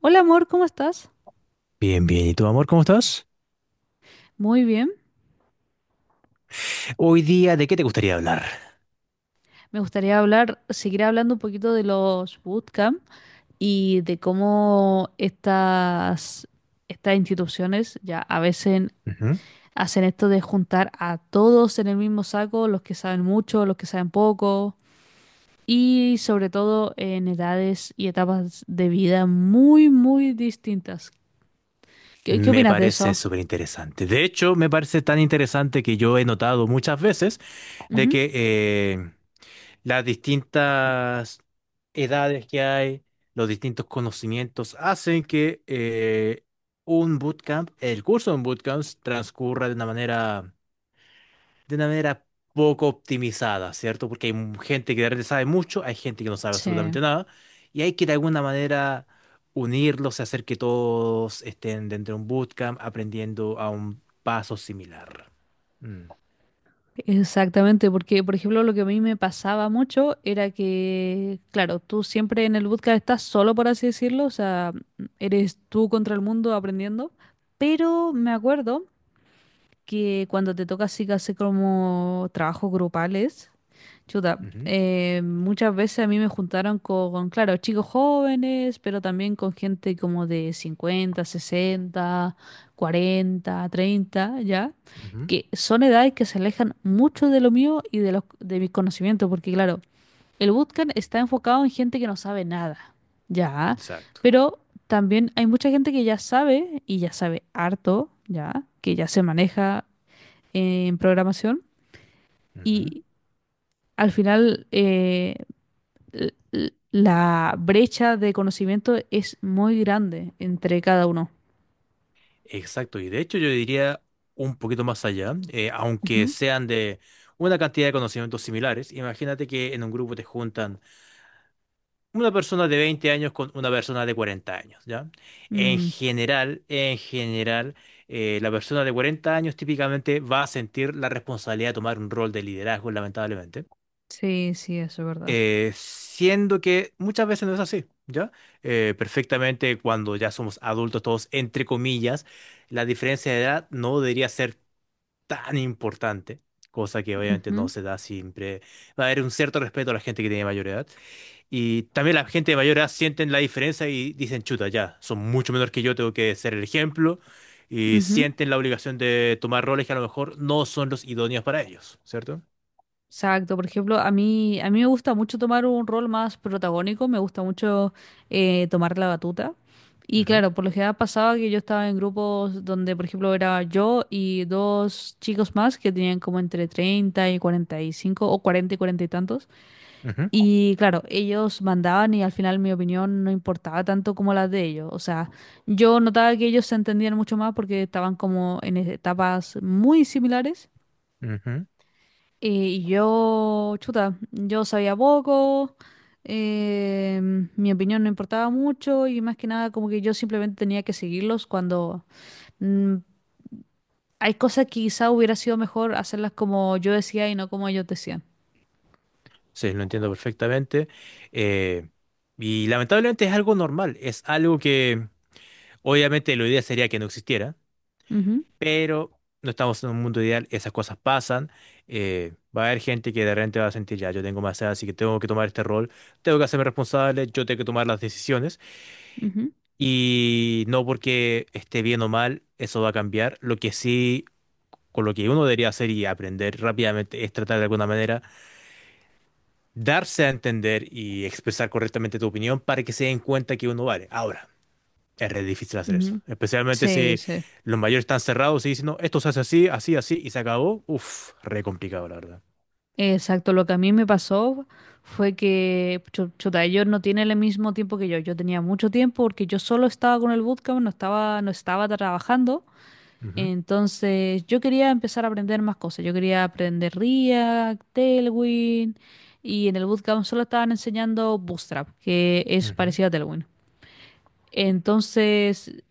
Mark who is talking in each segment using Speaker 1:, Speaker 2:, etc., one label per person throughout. Speaker 1: Hola amor, ¿cómo estás?
Speaker 2: Bien, bien. ¿Y tú, amor, cómo estás?
Speaker 1: Muy bien.
Speaker 2: Hoy día, ¿de qué te gustaría hablar?
Speaker 1: Me gustaría hablar, seguir hablando un poquito de los bootcamp y de cómo estas instituciones ya a veces
Speaker 2: Ujú.
Speaker 1: hacen esto de juntar a todos en el mismo saco, los que saben mucho, los que saben poco y sobre todo en edades y etapas de vida muy, muy distintas. ¿Qué
Speaker 2: Me
Speaker 1: opinas de
Speaker 2: parece
Speaker 1: eso?
Speaker 2: súper interesante. De hecho, me parece tan interesante que yo he notado muchas veces de
Speaker 1: Ujú.
Speaker 2: que las distintas edades que hay, los distintos conocimientos, hacen que un bootcamp, el curso de un bootcamp, transcurra de una manera poco optimizada, ¿cierto? Porque hay gente que de repente sabe mucho, hay gente que no sabe
Speaker 1: Sí.
Speaker 2: absolutamente nada, y hay que de alguna manera unirlos y hacer que todos estén dentro de un bootcamp aprendiendo a un paso similar. Mm,
Speaker 1: Exactamente, porque por ejemplo lo que a mí me pasaba mucho era que, claro, tú siempre en el bootcamp estás solo, por así decirlo, o sea, eres tú contra el mundo aprendiendo, pero me acuerdo que cuando te toca así que hacer como trabajos grupales, chuta,
Speaker 2: ujú,
Speaker 1: muchas veces a mí me juntaron con, claro, chicos jóvenes, pero también con gente como de 50, 60, 40, 30, ¿ya?
Speaker 2: ujú,
Speaker 1: Que son edades que se alejan mucho de lo mío y de los, de mis conocimientos, porque claro, el bootcamp está enfocado en gente que no sabe nada, ¿ya?
Speaker 2: exacto.
Speaker 1: Pero también hay mucha gente que ya sabe y ya sabe harto, ¿ya? Que ya se maneja en programación
Speaker 2: Ujú.
Speaker 1: y al final la brecha de conocimiento es muy grande entre cada uno.
Speaker 2: Exacto, y de hecho yo diría un poquito más allá, aunque
Speaker 1: Ujú.
Speaker 2: sean de una cantidad de conocimientos similares, imagínate que en un grupo te juntan una persona de 20 años con una persona de 40 años, ¿ya?
Speaker 1: Mm,
Speaker 2: En general, la persona de 40 años típicamente va a sentir la responsabilidad de tomar un rol de liderazgo, lamentablemente,
Speaker 1: sí, sí, eso es verdad.
Speaker 2: siendo que muchas veces no es así, ¿ya? Perfectamente cuando ya somos adultos todos, entre comillas, la diferencia de edad no debería ser tan importante. Cosa que obviamente no se da siempre. Va a haber un cierto respeto a la gente que tiene mayor edad. Y también la gente de mayor edad sienten la diferencia y dicen, chuta, ya, son mucho menor que yo, tengo que ser el ejemplo.
Speaker 1: Ujú,
Speaker 2: Y
Speaker 1: ujú.
Speaker 2: sienten la obligación de tomar roles que a lo mejor no son los idóneos para ellos, cierto.
Speaker 1: Exacto, por ejemplo, a mí me gusta mucho tomar un rol más protagónico, me gusta mucho tomar la batuta. Y
Speaker 2: Ujú,
Speaker 1: claro, por lo general pasaba que yo estaba en grupos donde, por ejemplo, era yo y dos chicos más que tenían como entre 30 y 45 o 40 y 40 y tantos.
Speaker 2: ujú,
Speaker 1: Y claro, ellos mandaban y al final mi opinión no importaba tanto como la de ellos. O sea, yo notaba que ellos se entendían mucho más porque estaban como en etapas muy similares.
Speaker 2: ujú.
Speaker 1: Y yo, chuta, yo sabía poco, eh, mi opinión no importaba mucho y más que nada como que yo simplemente tenía que seguirlos cuando mm, hay cosas que quizá hubiera sido mejor hacerlas como yo decía y no como ellos decían.
Speaker 2: Sí, lo entiendo perfectamente. Eh, y lamentablemente es algo normal, es algo que obviamente lo ideal sería que no existiera,
Speaker 1: Ujú,
Speaker 2: pero no estamos en un mundo ideal, esas cosas pasan. Va a haber gente que de repente va a sentir, ya, yo tengo más edad, así que tengo que tomar este rol, tengo que hacerme responsable, yo tengo que tomar las decisiones.
Speaker 1: ujú,
Speaker 2: Y no porque esté bien o mal, eso va a cambiar. Lo que sí, con lo que uno debería hacer y aprender rápidamente es tratar de alguna manera, darse a entender y expresar correctamente tu opinión para que se den cuenta que uno vale. Ahora. Es re difícil hacer eso.
Speaker 1: ujú.
Speaker 2: Especialmente
Speaker 1: Sí,
Speaker 2: si
Speaker 1: sí.
Speaker 2: los mayores están cerrados y dicen, no, esto se hace así, así, así, y se acabó. Uf, re complicado, la verdad.
Speaker 1: Exacto, lo que a mí me pasó fue que, chuta, ellos no tienen el mismo tiempo que yo. Yo tenía mucho tiempo porque yo solo estaba con el bootcamp, no estaba trabajando.
Speaker 2: Ujú,
Speaker 1: Entonces, yo quería empezar a aprender más cosas. Yo quería aprender React, Tailwind, y en el bootcamp solo estaban enseñando Bootstrap, que es
Speaker 2: ujú,
Speaker 1: parecido a Tailwind. Entonces,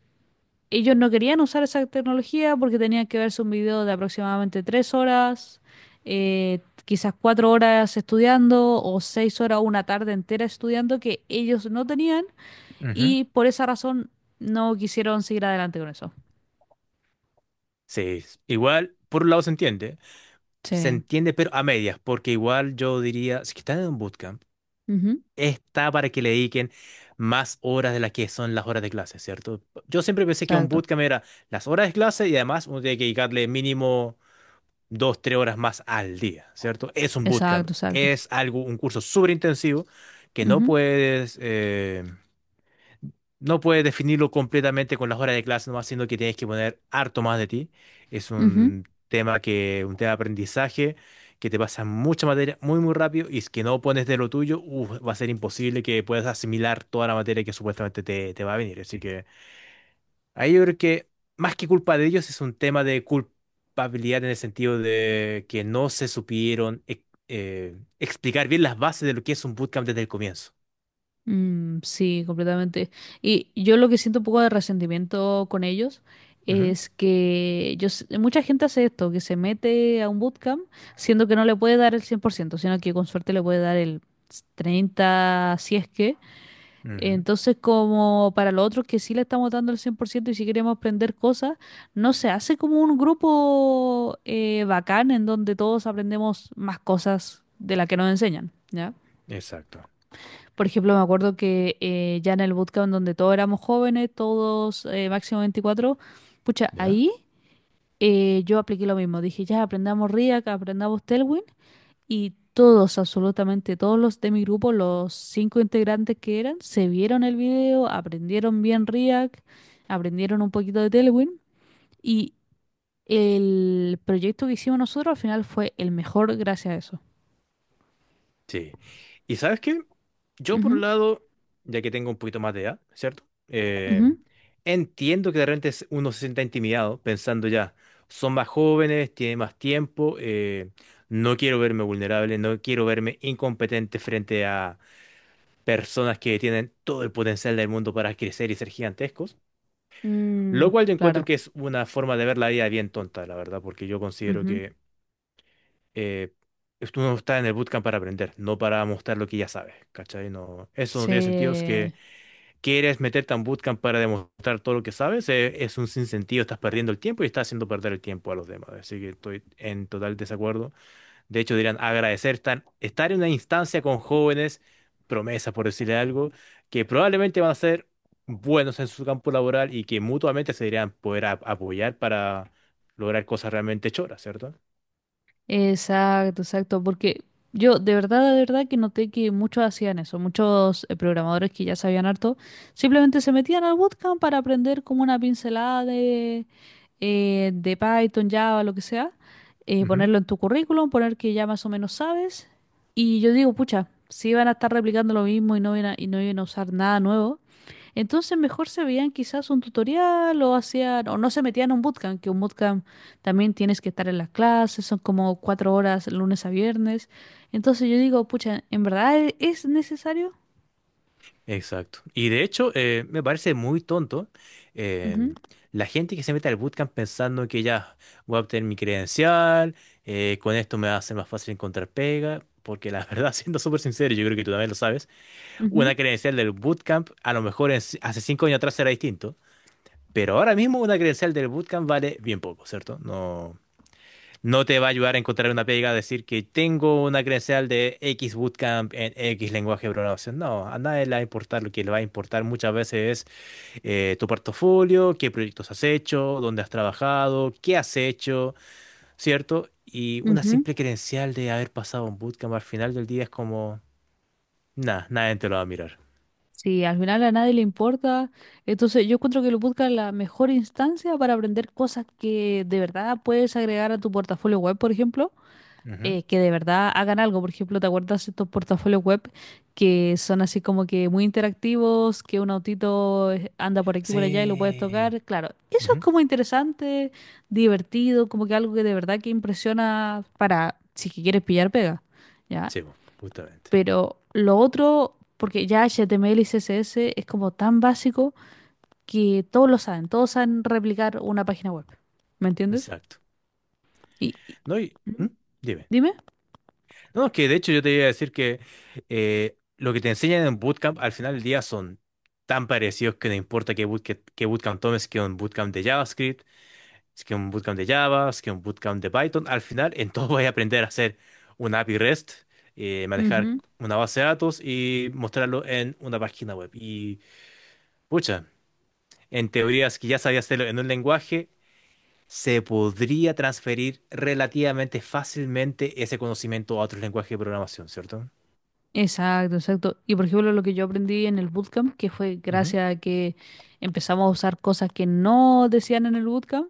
Speaker 1: ellos no querían usar esa tecnología porque tenían que verse un video de aproximadamente 3 horas, quizás 4 horas estudiando o 6 horas, una tarde entera estudiando que ellos no tenían
Speaker 2: ujú.
Speaker 1: y por esa razón no quisieron seguir adelante con eso.
Speaker 2: Sí, igual, por un lado se entiende. Se
Speaker 1: Sí.
Speaker 2: entiende, pero a medias, porque igual yo diría, si que están en un bootcamp,
Speaker 1: Ujú.
Speaker 2: está para que le dediquen más horas de las que son las horas de clase, ¿cierto? Yo siempre pensé que un
Speaker 1: Exacto.
Speaker 2: bootcamp era las horas de clase y además uno tiene que dedicarle mínimo. Dos, tres horas más al día, ¿cierto? Es un bootcamp,
Speaker 1: Exacto, exacto.
Speaker 2: es algo, un curso súper intensivo que no
Speaker 1: Ujú,
Speaker 2: puedes, no puedes definirlo completamente con las horas de clase nomás, sino que tienes que poner harto más de ti. Es
Speaker 1: ujú.
Speaker 2: un tema que, un tema de aprendizaje que te pasa mucha materia muy, muy rápido y es que no pones de lo tuyo, uf, va a ser imposible que puedas asimilar toda la materia que supuestamente te va a venir. Así que ahí yo creo que más que culpa de ellos es un tema de culpabilidad en el sentido de que no se supieron explicar bien las bases de lo que es un bootcamp desde el comienzo.
Speaker 1: Mm, sí, completamente. Y yo lo que siento un poco de resentimiento con ellos
Speaker 2: Ujú,
Speaker 1: es que yo, mucha gente hace esto, que se mete a un bootcamp siendo que no le puede dar el 100%, sino que con suerte le puede dar el 30, si es que.
Speaker 2: ujú,
Speaker 1: Entonces, como para los otros que sí le estamos dando el 100% y si queremos aprender cosas, no se hace como un grupo bacán en donde todos aprendemos más cosas de las que nos enseñan, ¿ya?
Speaker 2: exacto.
Speaker 1: Por ejemplo, me acuerdo que ya en el bootcamp donde todos éramos jóvenes, todos máximo 24, pucha,
Speaker 2: ¿Ya?
Speaker 1: ahí yo apliqué lo mismo. Dije, ya aprendamos React, aprendamos Tailwind y todos, absolutamente todos los de mi grupo, los cinco integrantes que eran, se vieron el video, aprendieron bien React, aprendieron un poquito de Tailwind y el proyecto que hicimos nosotros al final fue el mejor gracias a eso.
Speaker 2: Sí. ¿Y sabes qué? Yo por un
Speaker 1: Ujú,
Speaker 2: lado, ya que tengo un poquito más de edad, ¿cierto?
Speaker 1: ujú.
Speaker 2: Entiendo que de repente uno se sienta intimidado pensando ya, son más jóvenes, tienen más tiempo, no quiero verme vulnerable, no quiero verme incompetente frente a personas que tienen todo el potencial del mundo para crecer y ser gigantescos,
Speaker 1: Mm,
Speaker 2: lo cual yo encuentro
Speaker 1: claro.
Speaker 2: que es una forma de ver la vida bien tonta, la verdad, porque yo considero
Speaker 1: Ujú.
Speaker 2: que eh, tú no estás en el bootcamp para aprender, no para mostrar lo que ya sabes, ¿cachai? No, eso no tiene sentido, es
Speaker 1: Se
Speaker 2: que quieres meterte a un bootcamp para demostrar todo lo que sabes, es un sinsentido, estás perdiendo el tiempo y estás haciendo perder el tiempo a los demás, así que estoy en total desacuerdo. De hecho, dirán agradecer estar en una instancia con jóvenes, promesas por decirle algo, que probablemente van a ser buenos en su campo laboral y que mutuamente se deberían poder apoyar para lograr cosas realmente choras, ¿cierto?
Speaker 1: Exacto, exacto, porque yo de verdad que noté que muchos hacían eso, muchos programadores que ya sabían harto, simplemente se metían al bootcamp para aprender como una pincelada de Python, Java, lo que sea,
Speaker 2: Ujú,
Speaker 1: ponerlo en tu currículum, poner que ya más o menos sabes, y yo digo, pucha, si van a estar replicando lo mismo y y no iban a usar nada nuevo, entonces mejor se veían quizás un tutorial o hacían, o no se metían a un bootcamp, que un bootcamp también tienes que estar en las clases, son como 4 horas lunes a viernes. Entonces yo digo, pucha, ¿en verdad es necesario?
Speaker 2: exacto. Y de hecho, me parece muy tonto eh,
Speaker 1: Ujú,
Speaker 2: la gente que se mete al bootcamp pensando que ya voy a obtener mi credencial, con esto me va a ser más fácil encontrar pega, porque la verdad, siendo súper sincero, yo creo que tú también lo sabes.
Speaker 1: ujú,
Speaker 2: Una credencial del bootcamp, a lo mejor hace 5 años atrás era distinto, pero ahora mismo una credencial del bootcamp vale bien poco, ¿cierto? No, no te va a ayudar a encontrar una pega a decir que tengo una credencial de X bootcamp en X lenguaje de programación. No, a nadie le va a importar. Lo que le va a importar muchas veces es tu portafolio, qué proyectos has hecho, dónde has trabajado, qué has hecho, ¿cierto? Y una
Speaker 1: ujú.
Speaker 2: simple credencial de haber pasado un bootcamp al final del día es como, nada, nadie te lo va a mirar.
Speaker 1: Sí, al final a nadie le importa. Entonces yo encuentro que lo bootcamp es la mejor instancia para aprender cosas que de verdad puedes agregar a tu portafolio web, por ejemplo. Que de verdad hagan algo. Por ejemplo, ¿te acuerdas de estos portafolios web que son así como que muy interactivos, que un autito anda por aquí, por allá y lo puedes
Speaker 2: Sí.
Speaker 1: tocar? Claro, eso es
Speaker 2: Ujú.
Speaker 1: como interesante, divertido, como que algo que de verdad que impresiona para si que quieres pillar pega, ¿ya?
Speaker 2: Sí, po, justamente.
Speaker 1: Pero lo otro, porque ya HTML y CSS es como tan básico que todos lo saben, todos saben replicar una página web. ¿Me entiendes?
Speaker 2: Exacto.
Speaker 1: Y, y-
Speaker 2: No, y,
Speaker 1: ¿Mm?
Speaker 2: ¿mm? Dime.
Speaker 1: Dime.
Speaker 2: No, es que de hecho yo te iba a decir que lo que te enseñan en bootcamp al final del día son tan parecidos que no importa qué bootcamp, qué bootcamp tomes, que un bootcamp de JavaScript, es que un bootcamp de Java, es que un bootcamp de Python, al final en todo vas a aprender a hacer una API REST, manejar
Speaker 1: Ujú.
Speaker 2: una base de datos y mostrarlo en una página web. Y, pucha, en teoría es que ya sabía hacerlo en un lenguaje se podría transferir relativamente fácilmente ese conocimiento a otros lenguajes de programación, ¿cierto?
Speaker 1: Exacto, exacto. Y por ejemplo, lo que yo aprendí en el bootcamp, que fue
Speaker 2: Ujú,
Speaker 1: gracias a que empezamos a usar cosas que no decían en el bootcamp,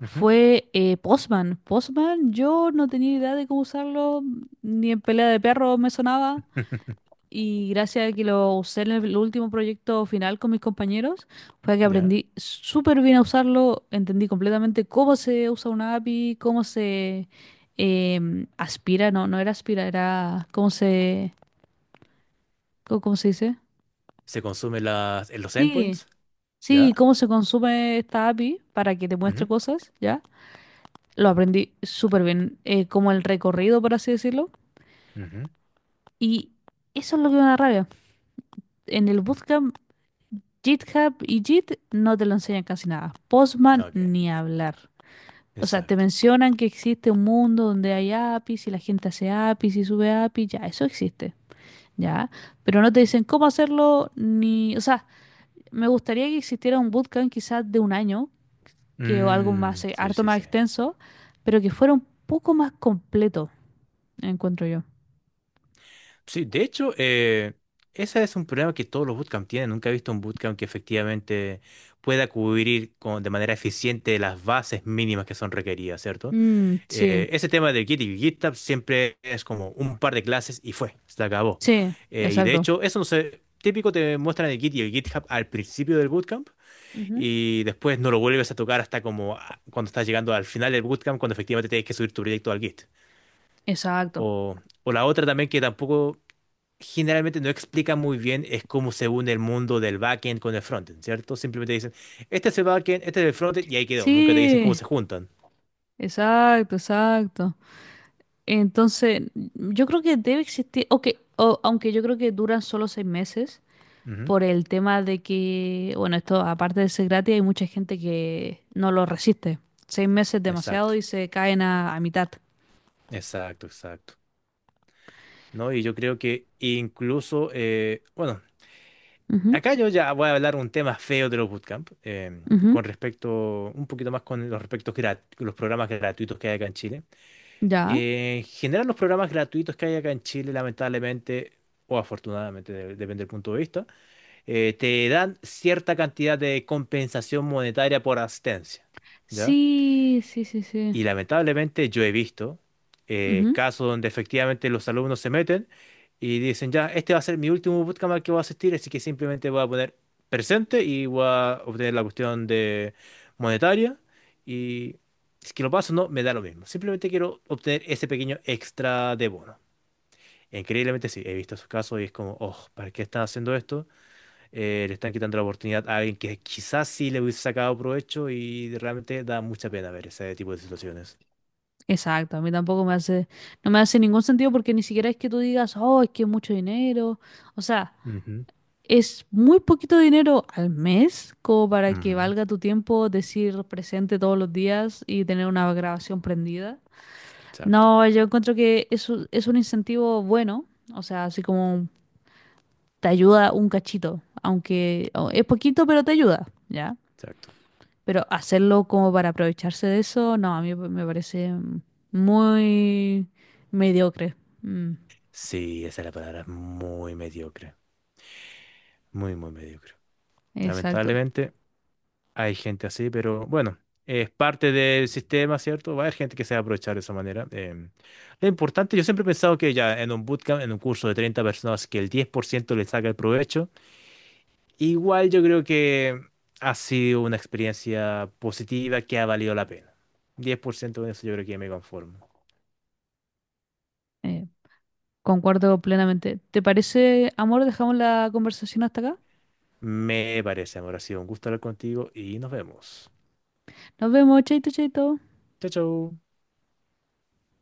Speaker 2: ujú.
Speaker 1: fue Postman. Postman, yo no tenía idea de cómo usarlo, ni en pelea de perro me sonaba. Y gracias a que lo usé en el último proyecto final con mis compañeros, fue que
Speaker 2: ¿Ya?
Speaker 1: aprendí súper bien a usarlo, entendí completamente cómo se usa una API, cómo se aspira, no, no era aspira, era cómo se ¿Cómo se dice?
Speaker 2: Se consume las, en los
Speaker 1: Sí,
Speaker 2: endpoints,
Speaker 1: sí,
Speaker 2: ¿ya?
Speaker 1: cómo se consume esta API para que te muestre
Speaker 2: Ujú,
Speaker 1: cosas, ¿ya? Lo aprendí súper bien, como el recorrido, por así decirlo.
Speaker 2: ujú,
Speaker 1: Y eso es lo que me da rabia. En el Bootcamp, GitHub y Git no te lo enseñan casi nada. Postman
Speaker 2: ok,
Speaker 1: ni hablar. O sea, te
Speaker 2: exacto.
Speaker 1: mencionan que existe un mundo donde hay APIs y la gente hace APIs y sube APIs, ya, eso existe, ¿ya? Pero no te dicen cómo hacerlo ni... O sea, me gustaría que existiera un bootcamp quizás de un año que o algo más,
Speaker 2: Mm, sí,
Speaker 1: harto
Speaker 2: sí,
Speaker 1: más
Speaker 2: sí.
Speaker 1: extenso, pero que fuera un poco más completo, encuentro yo.
Speaker 2: Sí, de hecho, ese es un problema que todos los bootcamps tienen. Nunca he visto un bootcamp que efectivamente pueda cubrir con, de manera eficiente las bases mínimas que son requeridas, ¿cierto?
Speaker 1: Mm, sí,
Speaker 2: Ese tema del Git y GitHub siempre es como un par de clases y fue, se acabó.
Speaker 1: sí,
Speaker 2: Y de
Speaker 1: exacto.
Speaker 2: hecho, eso no sé, típico te muestran el Git y el GitHub al principio del bootcamp
Speaker 1: Ujú.
Speaker 2: y después no lo vuelves a tocar hasta como ah, cuando estás llegando al final del bootcamp, cuando efectivamente tienes que subir tu proyecto al Git.
Speaker 1: Exacto.
Speaker 2: O la otra también que tampoco generalmente no explica muy bien es cómo se une el mundo del backend con el frontend, ¿cierto? Simplemente dicen, este es el backend, este es el frontend y ahí quedó, nunca te dicen cómo
Speaker 1: Sí,
Speaker 2: se juntan.
Speaker 1: exacto, exacto. Entonces, yo creo que debe existir, ok, aunque yo creo que duran solo 6 meses,
Speaker 2: Ujú,
Speaker 1: por el tema de que, bueno, esto aparte de ser gratis, hay mucha gente que no lo resiste. 6 meses es demasiado
Speaker 2: exacto,
Speaker 1: y se caen a mitad.
Speaker 2: exacto, exacto. ¿No? Y yo creo que incluso, bueno,
Speaker 1: Ujú,
Speaker 2: acá yo ya voy a hablar un tema feo de los bootcamp,
Speaker 1: ujú,
Speaker 2: con respecto, un poquito más con los respectos los programas gratuitos que hay acá en Chile.
Speaker 1: Ya.
Speaker 2: En general, los programas gratuitos que hay acá en Chile, lamentablemente, o afortunadamente, depende del punto de vista, te dan cierta cantidad de compensación monetaria por asistencia, ¿ya?
Speaker 1: Sí, sí, sí, sí.
Speaker 2: Y lamentablemente yo he visto
Speaker 1: Ujú.
Speaker 2: casos donde efectivamente los alumnos se meten y dicen, ya, este va a ser mi último bootcamp al que voy a asistir, así que simplemente voy a poner presente y voy a obtener la cuestión de monetaria. Y si es que lo paso, o no, me da lo mismo. Simplemente quiero obtener ese pequeño extra de bono. Increíblemente sí, he visto esos casos y es como, oh, ¿para qué están haciendo esto? Le están quitando la oportunidad a alguien que quizás sí le hubiese sacado provecho y realmente da mucha pena ver ese tipo de situaciones.
Speaker 1: Exacto, a mí tampoco no me hace ningún sentido porque ni siquiera es que tú digas, oh, es que es mucho dinero. O sea,
Speaker 2: Ujú.
Speaker 1: es muy poquito dinero al mes como para que
Speaker 2: Ujú,
Speaker 1: valga tu tiempo decir presente todos los días y tener una grabación prendida.
Speaker 2: exacto,
Speaker 1: No, yo encuentro que es, es un incentivo bueno, o sea, así como te ayuda un cachito, aunque es poquito, pero te ayuda, ¿ya?
Speaker 2: exacto.
Speaker 1: Pero hacerlo como para aprovecharse de eso, no, a mí me parece muy mediocre. Mm,
Speaker 2: Sí, esa es la palabra, muy mediocre, muy, muy mediocre.
Speaker 1: exacto.
Speaker 2: Lamentablemente hay gente así, pero bueno, es parte del sistema, ¿cierto? Va a haber gente que se va a aprovechar de esa manera. Lo importante, yo siempre he pensado que ya en un bootcamp, en un curso de 30 personas, que el 10% le saca el provecho, igual yo creo que ha sido una experiencia positiva que ha valido la pena. 10% de eso yo creo que me conformo.
Speaker 1: Eh, Concuerdo plenamente. ¿Te parece, amor? Dejamos la conversación hasta acá.
Speaker 2: Me parece, amor, ha sido un gusto hablar contigo y nos vemos.
Speaker 1: Nos vemos, chaito, chaito.
Speaker 2: Chao, chao.